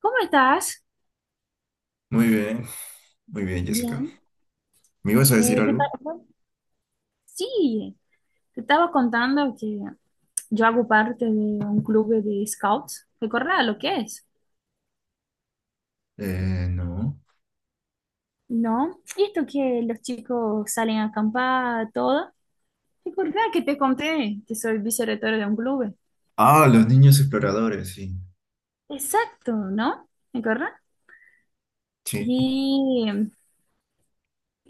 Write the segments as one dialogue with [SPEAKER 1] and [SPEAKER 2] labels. [SPEAKER 1] ¿Cómo estás?
[SPEAKER 2] Muy bien, muy bien, Jessica.
[SPEAKER 1] Bien.
[SPEAKER 2] ¿Me ibas a decir
[SPEAKER 1] Eh, yo
[SPEAKER 2] algo?
[SPEAKER 1] ta- sí, te estaba contando que yo hago parte de un club de scouts. ¿Recordás lo que es?
[SPEAKER 2] No.
[SPEAKER 1] ¿No? Y esto que los chicos salen a acampar, todo. ¿Recordás que te conté que soy vicerrectora de un club?
[SPEAKER 2] Ah, los niños exploradores, sí.
[SPEAKER 1] Exacto, ¿no? ¿Recordás?
[SPEAKER 2] Sí.
[SPEAKER 1] Y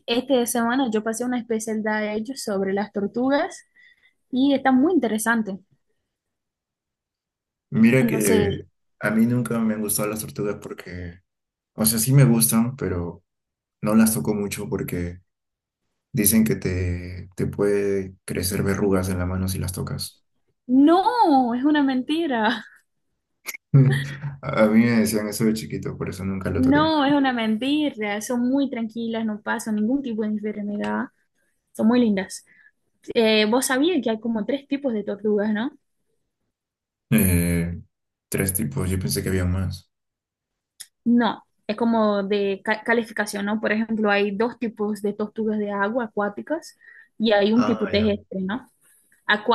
[SPEAKER 1] esta semana yo pasé una especialidad de ellos sobre las tortugas y está muy interesante.
[SPEAKER 2] Mira
[SPEAKER 1] Entonces,
[SPEAKER 2] que a mí nunca me han gustado las tortugas porque, o sea, sí me gustan, pero no las toco mucho porque dicen que te puede crecer verrugas en la mano si las tocas.
[SPEAKER 1] no, es una mentira.
[SPEAKER 2] A mí me decían eso de chiquito, por eso nunca lo toqué.
[SPEAKER 1] No, es una mentira. Son muy tranquilas, no pasan ningún tipo de enfermedad. Son muy lindas. Vos sabías que hay como tres tipos de tortugas, ¿no?
[SPEAKER 2] Eh, Tres tipos, yo pensé que había más.
[SPEAKER 1] No, es como de calificación, ¿no? Por ejemplo, hay dos tipos de tortugas de agua acuáticas y hay un tipo
[SPEAKER 2] Ah, ya.
[SPEAKER 1] terrestre, ¿no?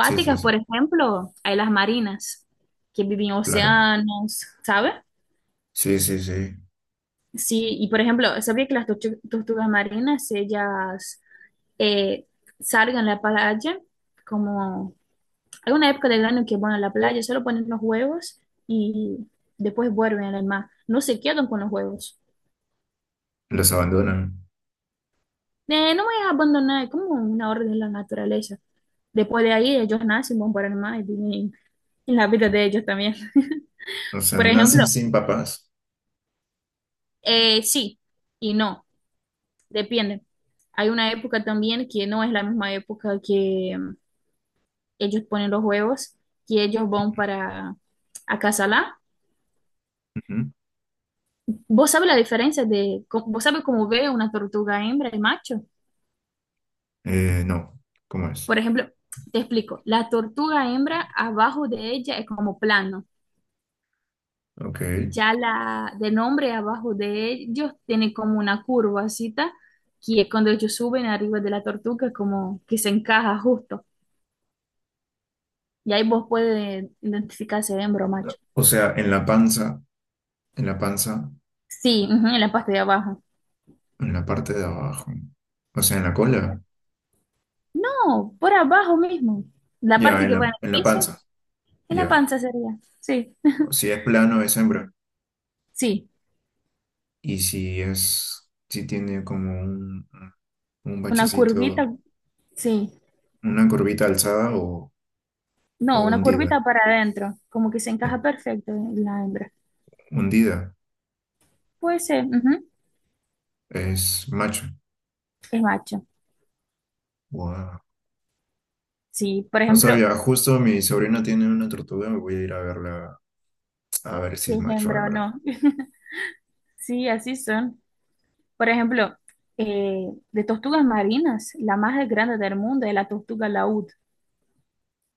[SPEAKER 2] Sí, sí, sí,
[SPEAKER 1] por ejemplo, hay las marinas que viven en
[SPEAKER 2] claro.
[SPEAKER 1] océanos, ¿sabes?
[SPEAKER 2] Sí, sí, sí.
[SPEAKER 1] Sí, y por ejemplo, sabía que las tortugas marinas, ellas eh, salgan a la playa como hay una época del año que van a la playa, solo ponen los huevos y después vuelven al mar. No se quedan con los huevos.
[SPEAKER 2] Los abandonan.
[SPEAKER 1] No voy a abandonar, es como una orden de la naturaleza. Después de ahí, ellos nacen, van para el mar y tienen y la vida de ellos también.
[SPEAKER 2] O sea,
[SPEAKER 1] Por
[SPEAKER 2] nacen
[SPEAKER 1] ejemplo,
[SPEAKER 2] sin papás.
[SPEAKER 1] sí y no, depende. Hay una época también que no es la misma época que ellos ponen los huevos, que ellos van para acasalar.
[SPEAKER 2] Ujú.
[SPEAKER 1] ¿Vos sabés la diferencia de, vos sabés cómo ve una tortuga hembra y macho?
[SPEAKER 2] No, ¿cómo es?
[SPEAKER 1] Por ejemplo, te explico, la tortuga hembra abajo de ella es como plano,
[SPEAKER 2] Ok.
[SPEAKER 1] ya la de nombre abajo de ellos tiene como una curvacita, que es cuando ellos suben arriba de la tortuga, como que se encaja justo, y ahí vos puedes identificar si es hembra o macho.
[SPEAKER 2] O sea, en la panza, en la panza,
[SPEAKER 1] Sí, ujú, en la parte de abajo.
[SPEAKER 2] en la parte de abajo. O sea, en la cola.
[SPEAKER 1] Exacto. No, por abajo mismo, la
[SPEAKER 2] Ya,
[SPEAKER 1] parte
[SPEAKER 2] en
[SPEAKER 1] que va en el
[SPEAKER 2] en la
[SPEAKER 1] piso,
[SPEAKER 2] panza.
[SPEAKER 1] en la
[SPEAKER 2] Ya.
[SPEAKER 1] panza sería, sí,
[SPEAKER 2] Si es plano, es hembra.
[SPEAKER 1] sí,
[SPEAKER 2] Y si es, si tiene como un
[SPEAKER 1] una
[SPEAKER 2] bachecito,
[SPEAKER 1] curvita, sí.
[SPEAKER 2] una curvita alzada o
[SPEAKER 1] No, una
[SPEAKER 2] hundida.
[SPEAKER 1] curvita para adentro, como que se
[SPEAKER 2] Hun-
[SPEAKER 1] encaja perfecto en la hembra.
[SPEAKER 2] Hundida.
[SPEAKER 1] Puede ser, ujú,
[SPEAKER 2] Es macho.
[SPEAKER 1] es macho.
[SPEAKER 2] Wow.
[SPEAKER 1] Sí, por
[SPEAKER 2] No
[SPEAKER 1] ejemplo,
[SPEAKER 2] sabía, justo mi sobrina tiene una tortuga, voy a ir a verla a ver si
[SPEAKER 1] si
[SPEAKER 2] es
[SPEAKER 1] es
[SPEAKER 2] macho o
[SPEAKER 1] hembra o
[SPEAKER 2] hembra.
[SPEAKER 1] no. Sí, así son. Por ejemplo, eh, de tortugas marinas, la más grande del mundo es la tortuga laúd.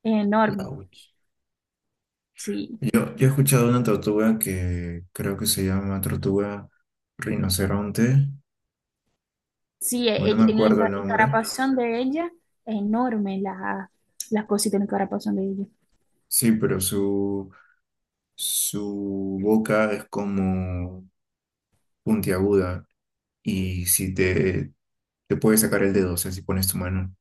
[SPEAKER 1] Es
[SPEAKER 2] La
[SPEAKER 1] enorme,
[SPEAKER 2] uch.
[SPEAKER 1] sí.
[SPEAKER 2] Yo he escuchado de una tortuga que creo que se llama tortuga rinoceronte,
[SPEAKER 1] Sí,
[SPEAKER 2] o no me
[SPEAKER 1] en la
[SPEAKER 2] acuerdo el nombre.
[SPEAKER 1] encarapazón de ella es enorme la, las cositas en el encarapazón de ella.
[SPEAKER 2] Sí, pero su boca es como puntiaguda y si te puede sacar el dedo, o sea, si pones tu mano.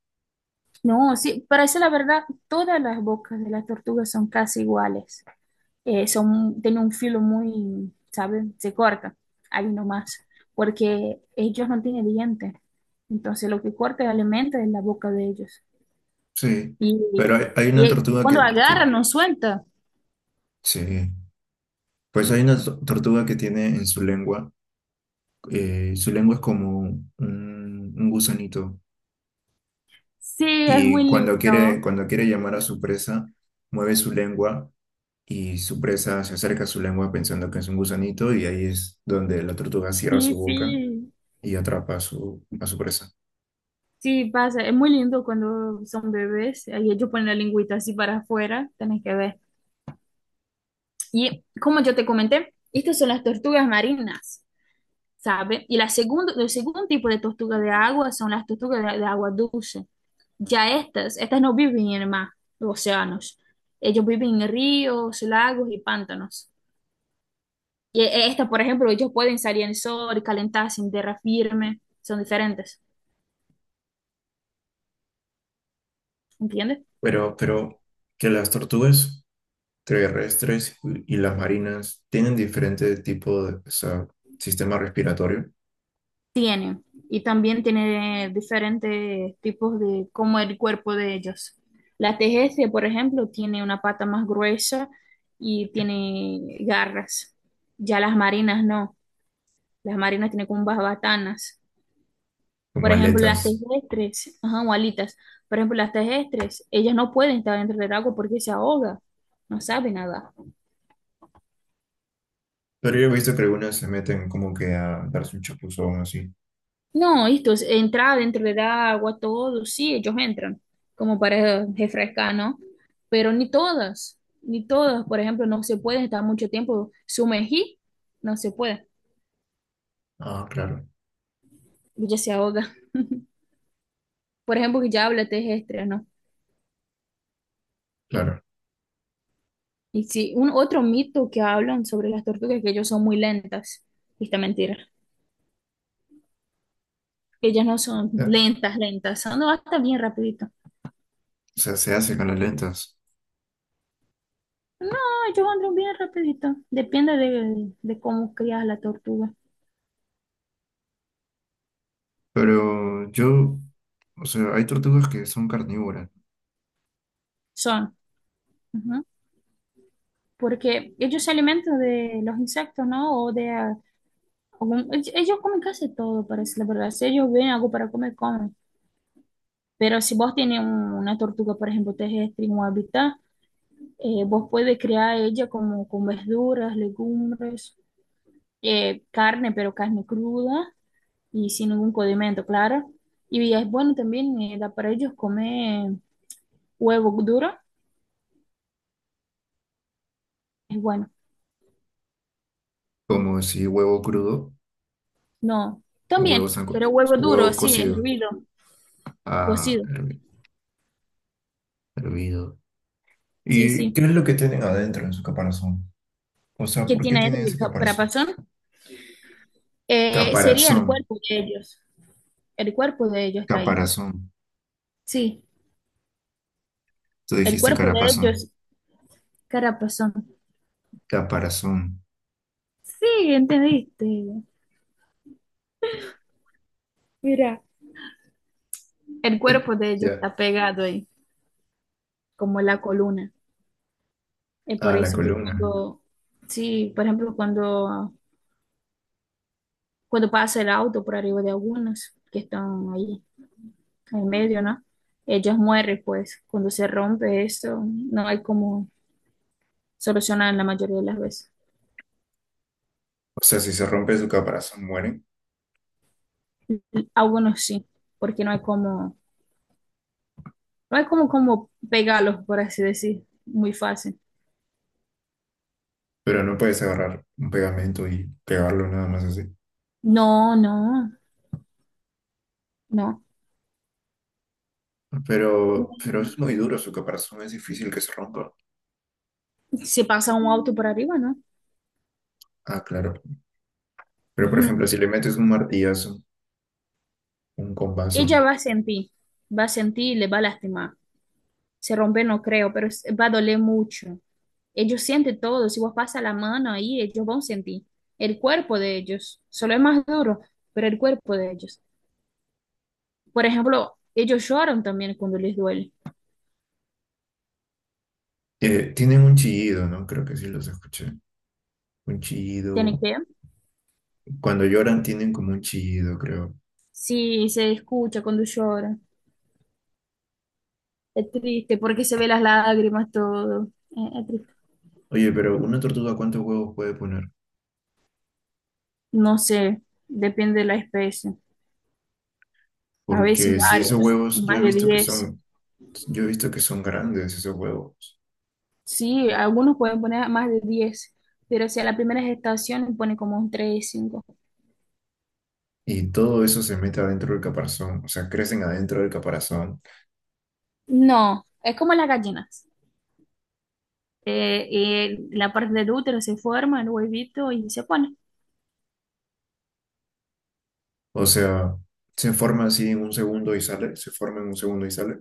[SPEAKER 1] No, sí, para decir la verdad, todas las bocas de las tortugas son casi iguales. Eh, son, tienen un filo muy, ¿sabes? Se corta ahí nomás, porque ellos no tienen dientes. Entonces lo que corta el alimento es la boca de ellos.
[SPEAKER 2] Sí,
[SPEAKER 1] Y,
[SPEAKER 2] pero hay una
[SPEAKER 1] y
[SPEAKER 2] tortuga
[SPEAKER 1] cuando agarran, no suelta.
[SPEAKER 2] sí, pues hay una tortuga que tiene en su lengua es como un gusanito,
[SPEAKER 1] Sí, es
[SPEAKER 2] y
[SPEAKER 1] muy lindo.
[SPEAKER 2] cuando quiere llamar a su presa, mueve su lengua y su presa se acerca a su lengua pensando que es un gusanito y ahí es donde la tortuga cierra
[SPEAKER 1] Sí,
[SPEAKER 2] su boca
[SPEAKER 1] sí,
[SPEAKER 2] y atrapa a a su presa.
[SPEAKER 1] sí, pasa. Es muy lindo cuando son bebés. Ahí ellos ponen la lingüita así para afuera, tenés que ver. Y como yo te comenté, estas son las tortugas marinas. ¿Sabe? Y la segundo, el segundo tipo de tortuga de agua son las tortugas de agua dulce. Ya estas, estas no viven en el mar, los océanos. Ellos viven en ríos, lagos y pantanos. Y estas, por ejemplo, ellos pueden salir en el sol, calentarse en tierra firme, son diferentes, ¿entiendes?
[SPEAKER 2] Pero que las tortugas terrestres y las marinas tienen diferente tipo de, o sea, sistema respiratorio,
[SPEAKER 1] Tienen, y también tiene diferentes tipos de cómo el cuerpo de ellos. La tejece, por ejemplo, tiene una pata más gruesa y tiene garras. Ya las marinas no. Las marinas tienen como unas batanas.
[SPEAKER 2] como
[SPEAKER 1] Por ejemplo, las
[SPEAKER 2] aletas.
[SPEAKER 1] terrestres, ajá, o alitas. Por ejemplo, las terrestres, ellas no pueden estar dentro del agua porque se ahoga. No sabe nada.
[SPEAKER 2] Pero yo he visto que algunas se meten como que a darse un chapuzón así.
[SPEAKER 1] No, esto es entrar dentro del agua, todo. Sí, ellos entran, como para refrescar, ¿no? Pero ni todas, ni todas. Por ejemplo, no se pueden estar mucho tiempo sumergir. No se puede.
[SPEAKER 2] Ah, claro,
[SPEAKER 1] Ella se ahoga. Por ejemplo, que ya habla terrestre, ¿no?
[SPEAKER 2] claro.
[SPEAKER 1] Y sí, un otro mito que hablan sobre las tortugas es que ellos son muy lentas. Y esta mentira. Ellas no son
[SPEAKER 2] Ya.
[SPEAKER 1] lentas, lentas. Son hasta bien rapidito.
[SPEAKER 2] O sea, se hace con las lentas.
[SPEAKER 1] No, ellos andan bien rapidito. Depende de cómo crías la tortuga.
[SPEAKER 2] Pero yo, o sea, hay tortugas que son carnívoras,
[SPEAKER 1] Son. Ujú. Porque ellos se alimentan de los insectos, ¿no? Ellos comen casi todo, parece la verdad. Si ellos ven algo para comer, comen. Pero si vos tienes una tortuga, por ejemplo, terrestre en un hábitat, vos puedes criar ella como con verduras, legumbres, carne, pero carne cruda y sin ningún condimento, claro. Y es bueno también, da para ellos comer huevo duro, es bueno.
[SPEAKER 2] como si huevo crudo
[SPEAKER 1] No,
[SPEAKER 2] o
[SPEAKER 1] también,
[SPEAKER 2] huevo,
[SPEAKER 1] pero huevo
[SPEAKER 2] o
[SPEAKER 1] duro,
[SPEAKER 2] huevo
[SPEAKER 1] sí, es
[SPEAKER 2] cocido,
[SPEAKER 1] hervido,
[SPEAKER 2] ah,
[SPEAKER 1] cocido,
[SPEAKER 2] hervi- hervido.
[SPEAKER 1] sí,
[SPEAKER 2] ¿Y qué
[SPEAKER 1] sí.
[SPEAKER 2] es lo que tienen adentro de su caparazón? O sea,
[SPEAKER 1] ¿Qué
[SPEAKER 2] ¿por qué
[SPEAKER 1] tiene
[SPEAKER 2] tienen
[SPEAKER 1] dentro de
[SPEAKER 2] ese caparazón?
[SPEAKER 1] caparazón? Sería
[SPEAKER 2] Caparazón,
[SPEAKER 1] el cuerpo de ellos. El cuerpo de ellos está ahí.
[SPEAKER 2] caparazón.
[SPEAKER 1] Sí,
[SPEAKER 2] Tú
[SPEAKER 1] el
[SPEAKER 2] dijiste
[SPEAKER 1] cuerpo de
[SPEAKER 2] carapazón,
[SPEAKER 1] ellos, carapazón.
[SPEAKER 2] caparazón.
[SPEAKER 1] Sí, entendiste. Mira, el cuerpo de ellos
[SPEAKER 2] Ya,
[SPEAKER 1] está pegado ahí, como la columna. Es
[SPEAKER 2] ah
[SPEAKER 1] por
[SPEAKER 2] la
[SPEAKER 1] eso que
[SPEAKER 2] columna.
[SPEAKER 1] cuando, sí, por ejemplo, cuando, cuando pasa el auto por arriba de algunas que están ahí en medio, ¿no? Ellas mueren, pues, cuando se rompe eso, no hay como solucionar la mayoría de las veces.
[SPEAKER 2] O sea, si se rompe su caparazón, mueren,
[SPEAKER 1] Algunos sí, porque no hay como, no hay como, como pegarlos, por así decir, muy fácil.
[SPEAKER 2] pero no puedes agarrar un pegamento y pegarlo nada más así.
[SPEAKER 1] No, no, no.
[SPEAKER 2] Pero es muy duro, su caparazón es difícil que se rompa.
[SPEAKER 1] Si pasa un auto por arriba, ¿no?
[SPEAKER 2] Ah, claro. Pero, por
[SPEAKER 1] Ujú.
[SPEAKER 2] ejemplo, si le metes un martillazo, un compaso,
[SPEAKER 1] Ella va a sentir y le va a lastimar. Se rompe no creo, pero es- va a doler mucho. Ellos sienten todo, si vos pasas la mano ahí, ellos van a sentir el cuerpo de ellos. Solo es más duro, pero el cuerpo de ellos. Por ejemplo, ellos lloran también cuando les duele.
[SPEAKER 2] tienen un chillido, ¿no? Creo que sí los escuché. Un
[SPEAKER 1] Tienen
[SPEAKER 2] chillido.
[SPEAKER 1] que,
[SPEAKER 2] Cuando lloran tienen como un chillido, creo.
[SPEAKER 1] sí, se escucha cuando lloran. Es triste porque se ve las lágrimas, todo. Es triste.
[SPEAKER 2] Oye, pero una tortuga, ¿cuántos huevos puede poner?
[SPEAKER 1] No sé, depende de la especie. A veces
[SPEAKER 2] Porque si esos
[SPEAKER 1] varios,
[SPEAKER 2] huevos, yo he
[SPEAKER 1] más de
[SPEAKER 2] visto que
[SPEAKER 1] 10.
[SPEAKER 2] son, yo he visto que son grandes esos huevos.
[SPEAKER 1] Sí, algunos pueden poner más de 10, pero si a la primera gestación pone como un 3-5.
[SPEAKER 2] Y todo eso se mete adentro del caparazón, o sea, crecen adentro del caparazón.
[SPEAKER 1] No, es como las gallinas. La parte del útero se forma, el huevito y se pone.
[SPEAKER 2] O sea, se forma así en un segundo y sale, se forma en un segundo y sale.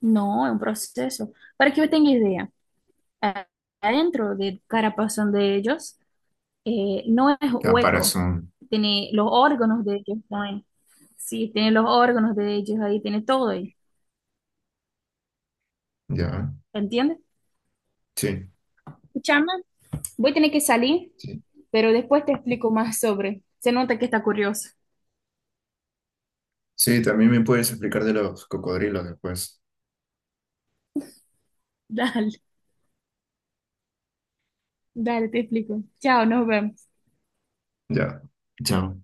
[SPEAKER 1] No, es un proceso. Para que yo tenga idea, a- adentro del carapazón de ellos no es
[SPEAKER 2] La
[SPEAKER 1] hueco,
[SPEAKER 2] parazón,
[SPEAKER 1] tiene los órganos de ellos, ¿no? Sí, tiene los órganos de ellos ahí, tiene todo ahí,
[SPEAKER 2] ya.
[SPEAKER 1] ¿entiendes?
[SPEAKER 2] Sí,
[SPEAKER 1] Escúchame. Voy a tener que salir,
[SPEAKER 2] sí.
[SPEAKER 1] pero después te explico más sobre. Se nota que está curioso.
[SPEAKER 2] Sí, también me puedes explicar de los cocodrilos después.
[SPEAKER 1] Dale, dale, te explico. Chao, nos vemos.
[SPEAKER 2] Ya. Chao.